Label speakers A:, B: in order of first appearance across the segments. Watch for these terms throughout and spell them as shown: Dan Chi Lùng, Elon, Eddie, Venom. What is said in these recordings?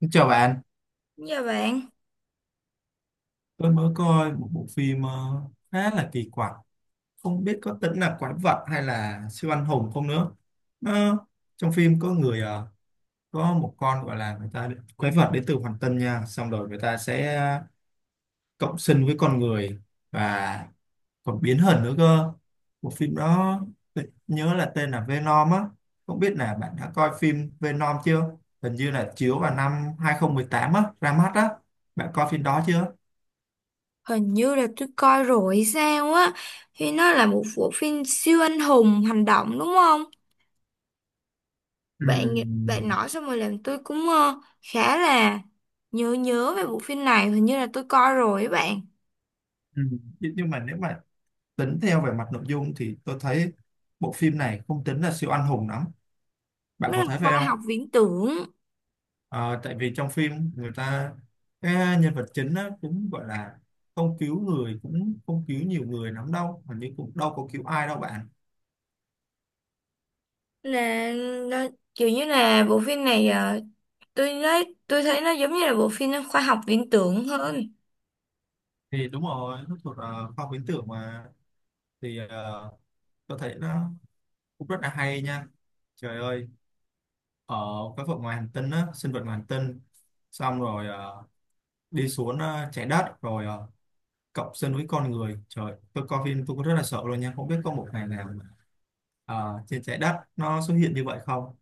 A: Xin chào bạn.
B: Dạ bạn,
A: Tôi mới coi một bộ phim khá là kỳ quặc, không biết có tính là quái vật hay là siêu anh hùng không nữa. Nó, trong phim có người có một con gọi là người ta quái vật đến từ hoàng tân nha, xong rồi người ta sẽ cộng sinh với con người và còn biến hình nữa cơ. Bộ phim đó tôi nhớ là tên là Venom á, không biết là bạn đã coi phim Venom chưa? Hình như là chiếu vào năm 2018 á, ra mắt á. Bạn coi phim đó chưa?
B: hình như là tôi coi rồi hay sao á, thì nó là một bộ phim siêu anh hùng hành động đúng không?
A: Ừ.
B: Bạn bạn nói xong rồi làm tôi cũng khá là nhớ nhớ về bộ phim này, hình như là tôi coi rồi ấy bạn.
A: Ừ. Nhưng mà nếu mà tính theo về mặt nội dung thì tôi thấy bộ phim này không tính là siêu anh hùng lắm. Bạn
B: Nó
A: có
B: là
A: thấy phải
B: khoa
A: không?
B: học viễn tưởng,
A: Ờ, tại vì trong phim người ta cái nhân vật chính á, cũng gọi là không cứu người cũng không cứu nhiều người lắm đâu, hình như cũng đâu có cứu ai đâu bạn.
B: là nó, kiểu như là bộ phim này tôi nói tôi thấy nó giống như là bộ phim khoa học viễn tưởng hơn.
A: Thì đúng rồi, nó thuộc khoa học viễn tưởng mà thì tôi thấy nó cũng rất là hay nha. Trời ơi, ở cái vực ngoài hành tinh á, sinh vật ngoài hành tinh xong rồi đi xuống trái đất rồi cộng sinh với con người, trời tôi coi phim tôi có rất là sợ luôn nha, không biết có một ngày nào mà, trên trái đất nó xuất hiện như vậy không.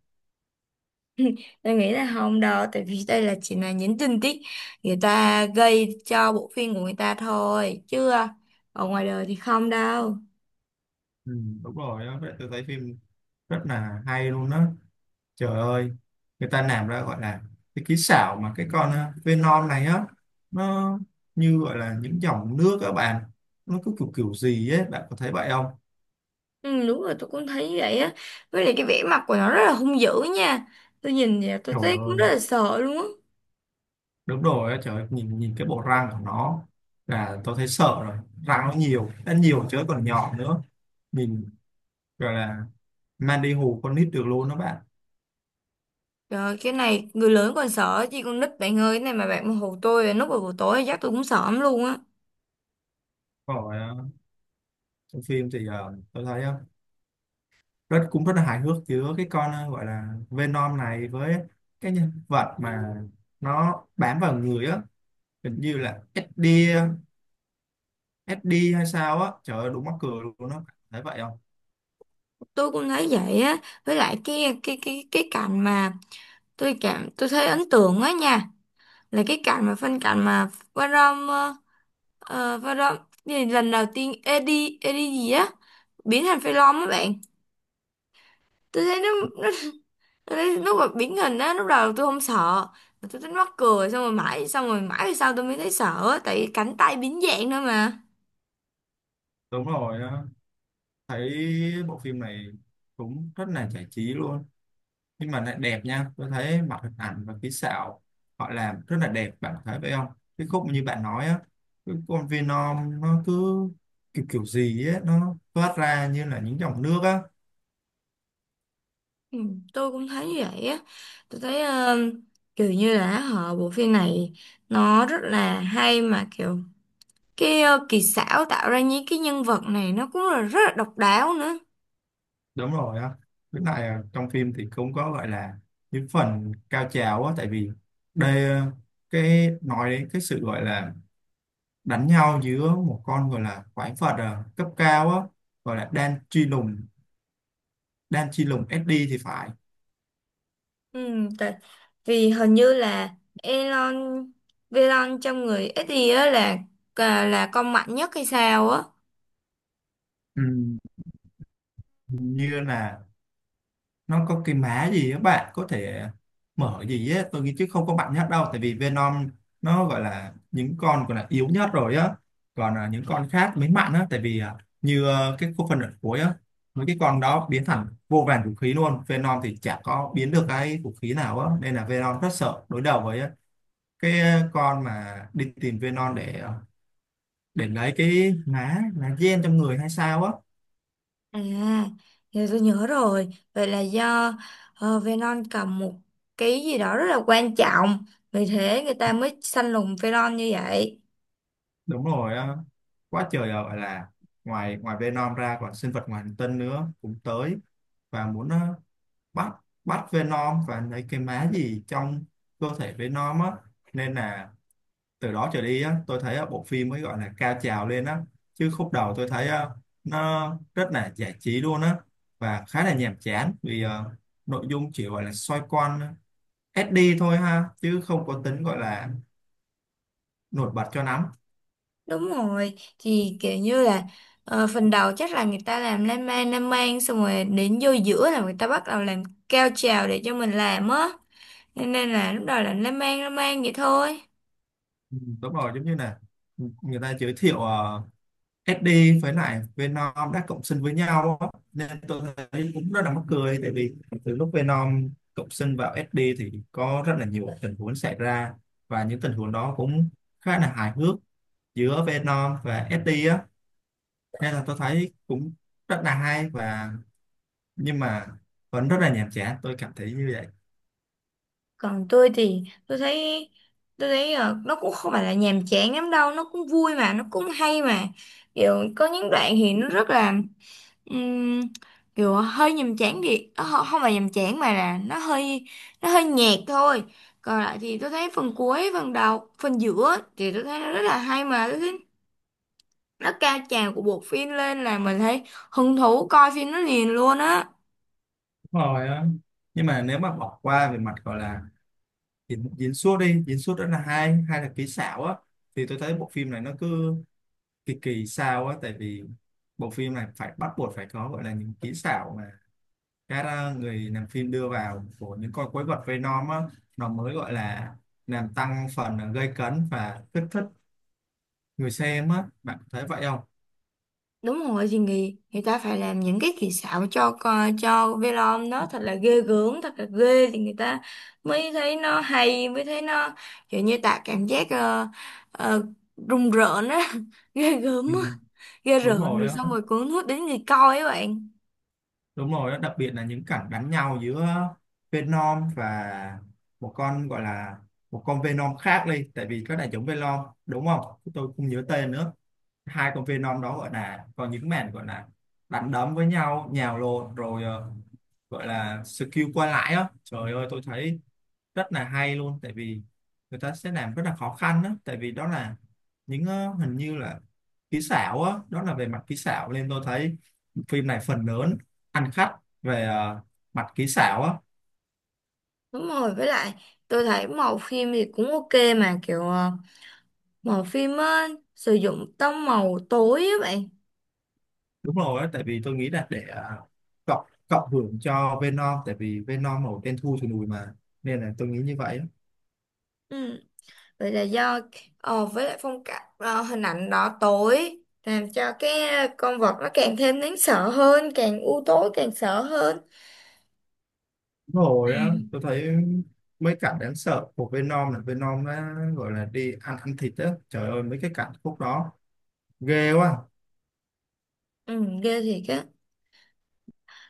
B: Tôi nghĩ là không đâu, tại vì đây là chỉ là những tình tiết người ta gây cho bộ phim của người ta thôi, chứ ở ngoài đời thì không đâu.
A: Ừ, đúng rồi đó. Vậy tôi thấy phim rất là hay luôn đó. Trời ơi, người ta làm ra gọi là cái kỹ xảo mà cái con Venom này á, nó như gọi là những dòng nước các bạn, nó cứ kiểu kiểu gì ấy bạn có thấy vậy không?
B: Ừ, đúng rồi, tôi cũng thấy vậy á. Với lại cái vẻ mặt của nó rất là hung dữ nha. Tôi nhìn vậy tôi
A: Trời
B: thấy cũng
A: ơi
B: rất là sợ luôn á.
A: đúng rồi á, trời ơi, nhìn nhìn cái bộ răng của nó là tôi thấy sợ rồi, răng nó nhiều chứ còn nhỏ nữa, mình gọi là Mandy hù con nít được luôn đó bạn.
B: Trời ơi, cái này người lớn còn sợ chứ con nít bạn ơi, cái này mà bạn mà hù tôi lúc vào buổi tối chắc tôi cũng sợ lắm luôn á.
A: Còn trong phim thì tôi thấy rất cũng rất là hài hước giữa cái con gọi là Venom này với cái nhân vật mà nó bám vào người á, hình như là Eddie Eddie hay sao á, trời ơi đúng mắc cười luôn đó, thấy vậy không?
B: Tôi cũng thấy vậy á. Với lại cái cảnh mà tôi thấy ấn tượng á nha, là cái cảnh mà phân cảnh mà Varom Varom gì lần đầu tiên Eddie Eddie gì á biến thành phi long á bạn, tôi thấy nó tôi thấy lúc mà biến hình á, lúc đầu tôi không sợ mà tôi thấy mắc cười, xong rồi mãi về sau tôi mới thấy sợ á, tại vì cánh tay biến dạng nữa mà.
A: Đúng rồi thấy bộ phim này cũng rất là giải trí luôn, nhưng mà lại đẹp nha, tôi thấy mặt hình ảnh và kỹ xảo họ làm rất là đẹp, bạn thấy vậy không? Cái khúc như bạn nói á, cái con Venom nó cứ kiểu kiểu gì á, nó thoát ra như là những dòng nước á.
B: Ừ, tôi cũng thấy như vậy á. Tôi thấy kiểu như là họ, bộ phim này nó rất là hay mà, kiểu cái kỳ xảo tạo ra những cái nhân vật này nó cũng là rất là độc đáo nữa.
A: Đúng rồi á, cái này à, trong phim thì cũng có gọi là những phần cao trào á, tại vì đây à, cái nói đến cái sự gọi là đánh nhau giữa một con gọi là quái vật à, cấp cao á, gọi là Dan Chi Lùng, Dan Chi Lùng SD thì phải.
B: Ừ, tại vì hình như là Elon Elon trong người ít gì á, là là con mạnh nhất hay sao á.
A: Ừ, như là nó có cái mã gì á bạn có thể mở gì á, tôi nghĩ chứ không có mạnh nhất đâu, tại vì Venom nó gọi là những con gọi là yếu nhất rồi á, còn à, những con khác mới mạnh á, tại vì à, như à, cái khúc phần ở cuối á mấy cái con đó biến thành vô vàn vũ khí luôn, Venom thì chả có biến được cái vũ khí nào á nên là Venom rất sợ đối đầu với á. Cái à, con mà đi tìm Venom để à, để lấy cái má lá gen trong người hay sao á.
B: À giờ tôi nhớ rồi, vậy là do Elon cầm một cái gì đó rất là quan trọng, vì thế người ta mới săn lùng Elon như vậy.
A: Đúng rồi á, quá trời à, gọi là ngoài ngoài Venom ra còn sinh vật ngoài hành tinh nữa cũng tới và muốn bắt bắt Venom và lấy cái má gì trong cơ thể Venom á, nên là từ đó trở đi á tôi thấy bộ phim mới gọi là cao trào lên á, chứ khúc đầu tôi thấy nó rất là giải trí luôn á và khá là nhàm chán vì nội dung chỉ gọi là xoay quanh SD thôi ha, chứ không có tính gọi là nổi bật cho lắm.
B: Đúng rồi, thì kiểu như là phần đầu chắc là người ta làm lan man, xong rồi đến vô giữa là người ta bắt đầu làm cao trào để cho mình làm á. Thế nên là lúc đầu là nó mang vậy thôi.
A: Ừ, đúng rồi giống như là người ta giới thiệu SD với lại Venom đã cộng sinh với nhau á. Nên tôi thấy cũng rất là mắc cười tại vì từ lúc Venom cộng sinh vào SD thì có rất là nhiều tình huống xảy ra, và những tình huống đó cũng khá là hài hước giữa Venom và SD á, nên là tôi thấy cũng rất là hay và nhưng mà vẫn rất là nhàm chán, tôi cảm thấy như vậy.
B: Còn tôi thì tôi thấy, nó cũng không phải là nhàm chán lắm đâu, nó cũng vui mà nó cũng hay mà, kiểu có những đoạn thì nó rất là ừm, kiểu hơi nhàm chán, thì không không phải nhàm chán mà là nó hơi nhạt thôi. Còn lại thì tôi thấy phần cuối, phần đầu, phần giữa thì tôi thấy nó rất là hay mà. Tôi thấy nó cao trào của bộ phim lên là mình thấy hứng thú coi phim nó liền luôn á.
A: Đúng rồi á, nhưng mà nếu mà bỏ qua về mặt gọi là diễn diễn xuất đi, diễn xuất đó là hai hai là kỹ xảo á, thì tôi thấy bộ phim này nó cứ kỳ kỳ sao á, tại vì bộ phim này phải bắt buộc phải có gọi là những kỹ xảo mà các người làm phim đưa vào của những con quái vật Venom á, nó mới gọi là làm tăng phần à, gây cấn và kích thích người xem á, bạn thấy vậy không?
B: Đúng rồi, thì người ta phải làm những cái kỳ xảo cho cho Velom đó thật là ghê gớm, thật là ghê, thì người ta mới thấy nó hay, mới thấy nó kiểu như tạo cảm giác ờ, rùng rợn á ghê gớm
A: Ừ,
B: á, ghê
A: đúng
B: rợn,
A: rồi
B: rồi
A: á.
B: xong rồi cuốn hút đến người coi ấy bạn.
A: Đúng rồi, đó, đặc biệt là những cảnh đánh nhau giữa Venom và một con gọi là một con Venom khác đi, tại vì có đại chúng Venom đúng không? Tôi không nhớ tên nữa. Hai con Venom đó gọi là còn những màn gọi là đánh đấm với nhau, nhào lộn rồi gọi là skill qua lại á. Trời ơi, tôi thấy rất là hay luôn tại vì người ta sẽ làm rất là khó khăn đó tại vì đó là những hình như là kỹ xảo á, đó là về mặt kỹ xảo nên tôi thấy phim này phần lớn ăn khách về mặt kỹ xảo á.
B: Đúng rồi, với lại tôi thấy màu phim thì cũng ok mà, kiểu màu phim á sử dụng tông màu tối á bạn.
A: Đúng rồi á, tại vì tôi nghĩ là để cộng cộng hưởng cho Venom, tại vì Venom màu đen thui thì lùi mà, nên là tôi nghĩ như vậy á.
B: Ừ, vậy là do với lại phong cách hình ảnh đỏ tối làm cho cái con vật nó càng thêm đáng sợ hơn, càng u tối càng sợ hơn.
A: Đúng rồi á
B: À,
A: tôi thấy mấy cảnh đáng sợ của Venom là Venom nó gọi là đi ăn ăn thịt á, trời ơi mấy cái cảnh khúc đó ghê quá.
B: ừ ghê thiệt á,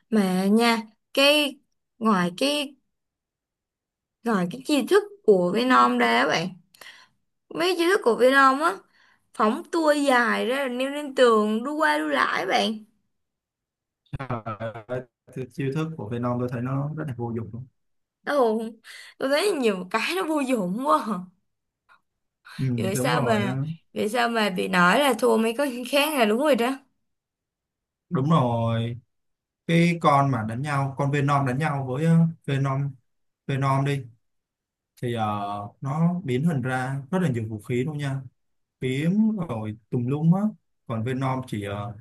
B: mà nha, cái ngoài cái ngoài cái chi thức của Venom ra á bạn, mấy chi thức của Venom á phóng tua dài ra rồi leo lên tường đu qua đu lại bạn.
A: Đấy, thì chiêu thức của Venom tôi thấy nó rất là vô dụng luôn.
B: Ồ, tôi thấy nhiều cái nó vô dụng quá à.
A: Ừ,
B: vậy
A: đúng
B: sao
A: rồi
B: mà
A: á.
B: Vậy sao mà bị nói là thua mấy con khác là đúng rồi đó.
A: Đúng rồi, cái con mà đánh nhau con Venom đánh nhau với Venom Venom đi thì nó biến hình ra rất là nhiều vũ khí luôn nha, kiếm rồi tùm lum á, còn Venom chỉ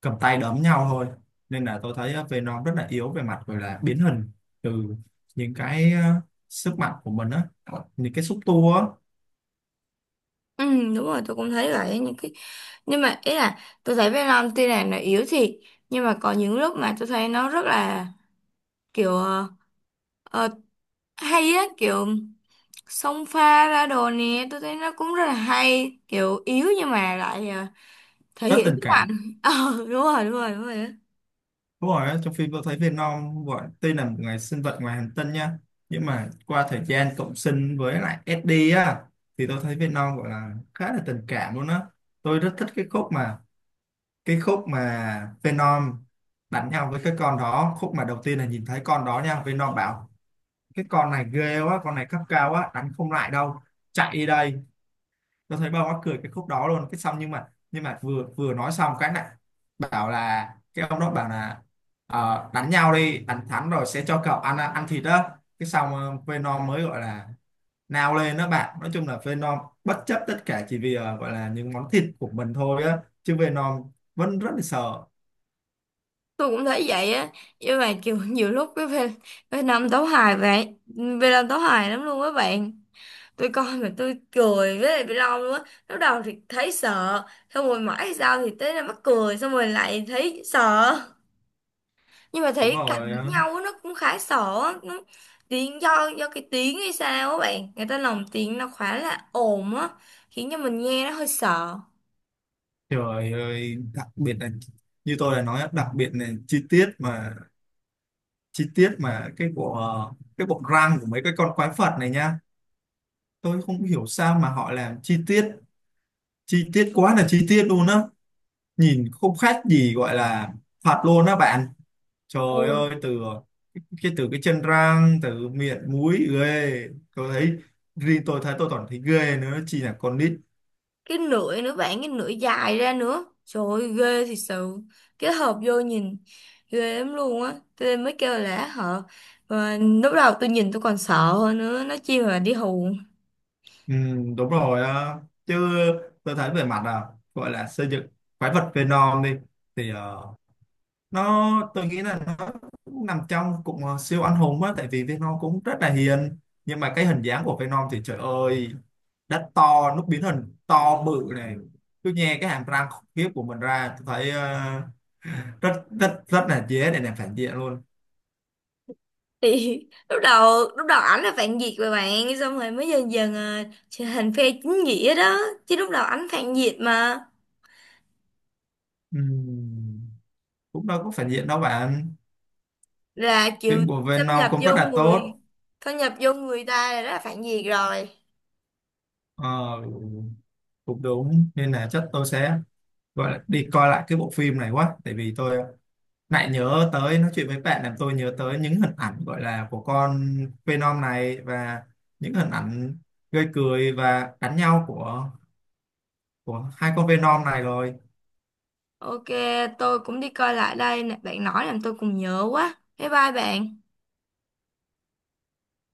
A: cầm tay đấm nhau thôi, nên là tôi thấy Venom rất là yếu về mặt gọi là biến hình từ những cái sức mạnh của mình á, những cái xúc tua á.
B: Ừ, đúng rồi, tôi cũng thấy vậy. Những cái, nhưng mà ý là tôi thấy Venom tuy là nó yếu thiệt, nhưng mà có những lúc mà tôi thấy nó rất là kiểu ờ, hay á, kiểu xông pha ra đồ nè, tôi thấy nó cũng rất là hay, kiểu yếu nhưng mà lại thể
A: Rất
B: hiện
A: tình
B: sức
A: cảm.
B: mạnh. Ờ, đúng rồi, đúng rồi, đúng rồi á.
A: Đúng rồi, á, trong phim tôi thấy Venom gọi tuy là một người sinh vật ngoài hành tinh nha, nhưng mà qua thời gian cộng sinh với lại Eddie á thì tôi thấy Venom gọi là khá là tình cảm luôn á. Tôi rất thích cái khúc mà Venom đánh nhau với cái con đó, khúc mà đầu tiên là nhìn thấy con đó nha, Venom bảo cái con này ghê quá, con này cấp cao quá đánh không lại đâu, chạy đi đây. Tôi thấy bao mắc cười cái khúc đó luôn, cái xong nhưng mà vừa vừa nói xong cái này bảo là cái ông đó bảo là "Ờ, đánh nhau đi, đánh thắng rồi sẽ cho cậu ăn ăn thịt đó." Cái xong Venom mới gọi là nào lên đó bạn, nói chung là Venom bất chấp tất cả chỉ vì gọi là những món thịt của mình thôi á, chứ Venom vẫn rất là sợ.
B: Tôi cũng thấy vậy á, nhưng mà kiểu nhiều lúc cái Nam tấu hài, vậy Việt Nam tấu hài lắm luôn các bạn, tôi coi mà tôi cười với lại bị long luôn á. Lúc đầu thì thấy sợ, xong rồi mãi sau thì tới là mắc cười, xong rồi lại thấy sợ. Nhưng mà
A: Đúng
B: thấy cặp
A: rồi
B: đánh
A: ờ.
B: nhau á, nó cũng khá sợ á. Nó, tiếng do cái tiếng hay sao á bạn, người ta lồng tiếng nó khá là ồn á, khiến cho mình nghe nó hơi sợ.
A: Trời ơi đặc biệt là như tôi đã nói á, đặc biệt là chi tiết mà cái bộ cái bộ răng của mấy cái con quái vật này nha, tôi không hiểu sao mà họ làm chi tiết, quá là chi tiết luôn á, nhìn không khác gì gọi là thật luôn á bạn. Trời ơi từ cái chân răng từ miệng mũi ghê, tôi thấy riêng tôi thấy tôi còn thấy ghê nữa chi là con nít.
B: Cái nửa nữa bạn, cái nửa dài ra nữa, trời ơi, ghê thiệt sự. Cái hộp vô nhìn ghê lắm luôn á, tôi mới kêu là họ mà, lúc đầu tôi nhìn tôi còn sợ hơn nữa, nó chi mà đi hù.
A: Ừ, đúng rồi á. Chứ tôi thấy về mặt là gọi là xây dựng quái vật Venom đi thì nó tôi nghĩ là nó cũng nằm trong cụm siêu anh hùng á, tại vì Venom cũng rất là hiền, nhưng mà cái hình dáng của Venom thì trời ơi đất to, nó biến hình to bự này, tôi nghe cái hàm răng khủng khiếp của mình ra tôi thấy rất rất rất là dễ để làm phản diện luôn.
B: Thì lúc đầu ảnh là phản diện mà bạn, xong rồi mới dần dần à, trở thành phe chính nghĩa đó, chứ lúc đầu ảnh phản diện mà.
A: Ừm, cũng đâu có phản diện đâu bạn,
B: Là kiểu
A: phim của
B: xâm
A: Venom
B: nhập
A: cũng rất
B: vô
A: là
B: người
A: tốt.
B: xâm nhập vô người ta là rất là phản diện rồi.
A: Ờ, cũng đúng nên là chắc tôi sẽ gọi là đi coi lại cái bộ phim này quá, tại vì tôi lại nhớ tới nói chuyện với bạn làm tôi nhớ tới những hình ảnh gọi là của con Phenom này và những hình ảnh gây cười và đánh nhau của hai con Venom này rồi.
B: Ok, tôi cũng đi coi lại đây nè. Bạn nói làm tôi cũng nhớ quá. Bye bye bạn.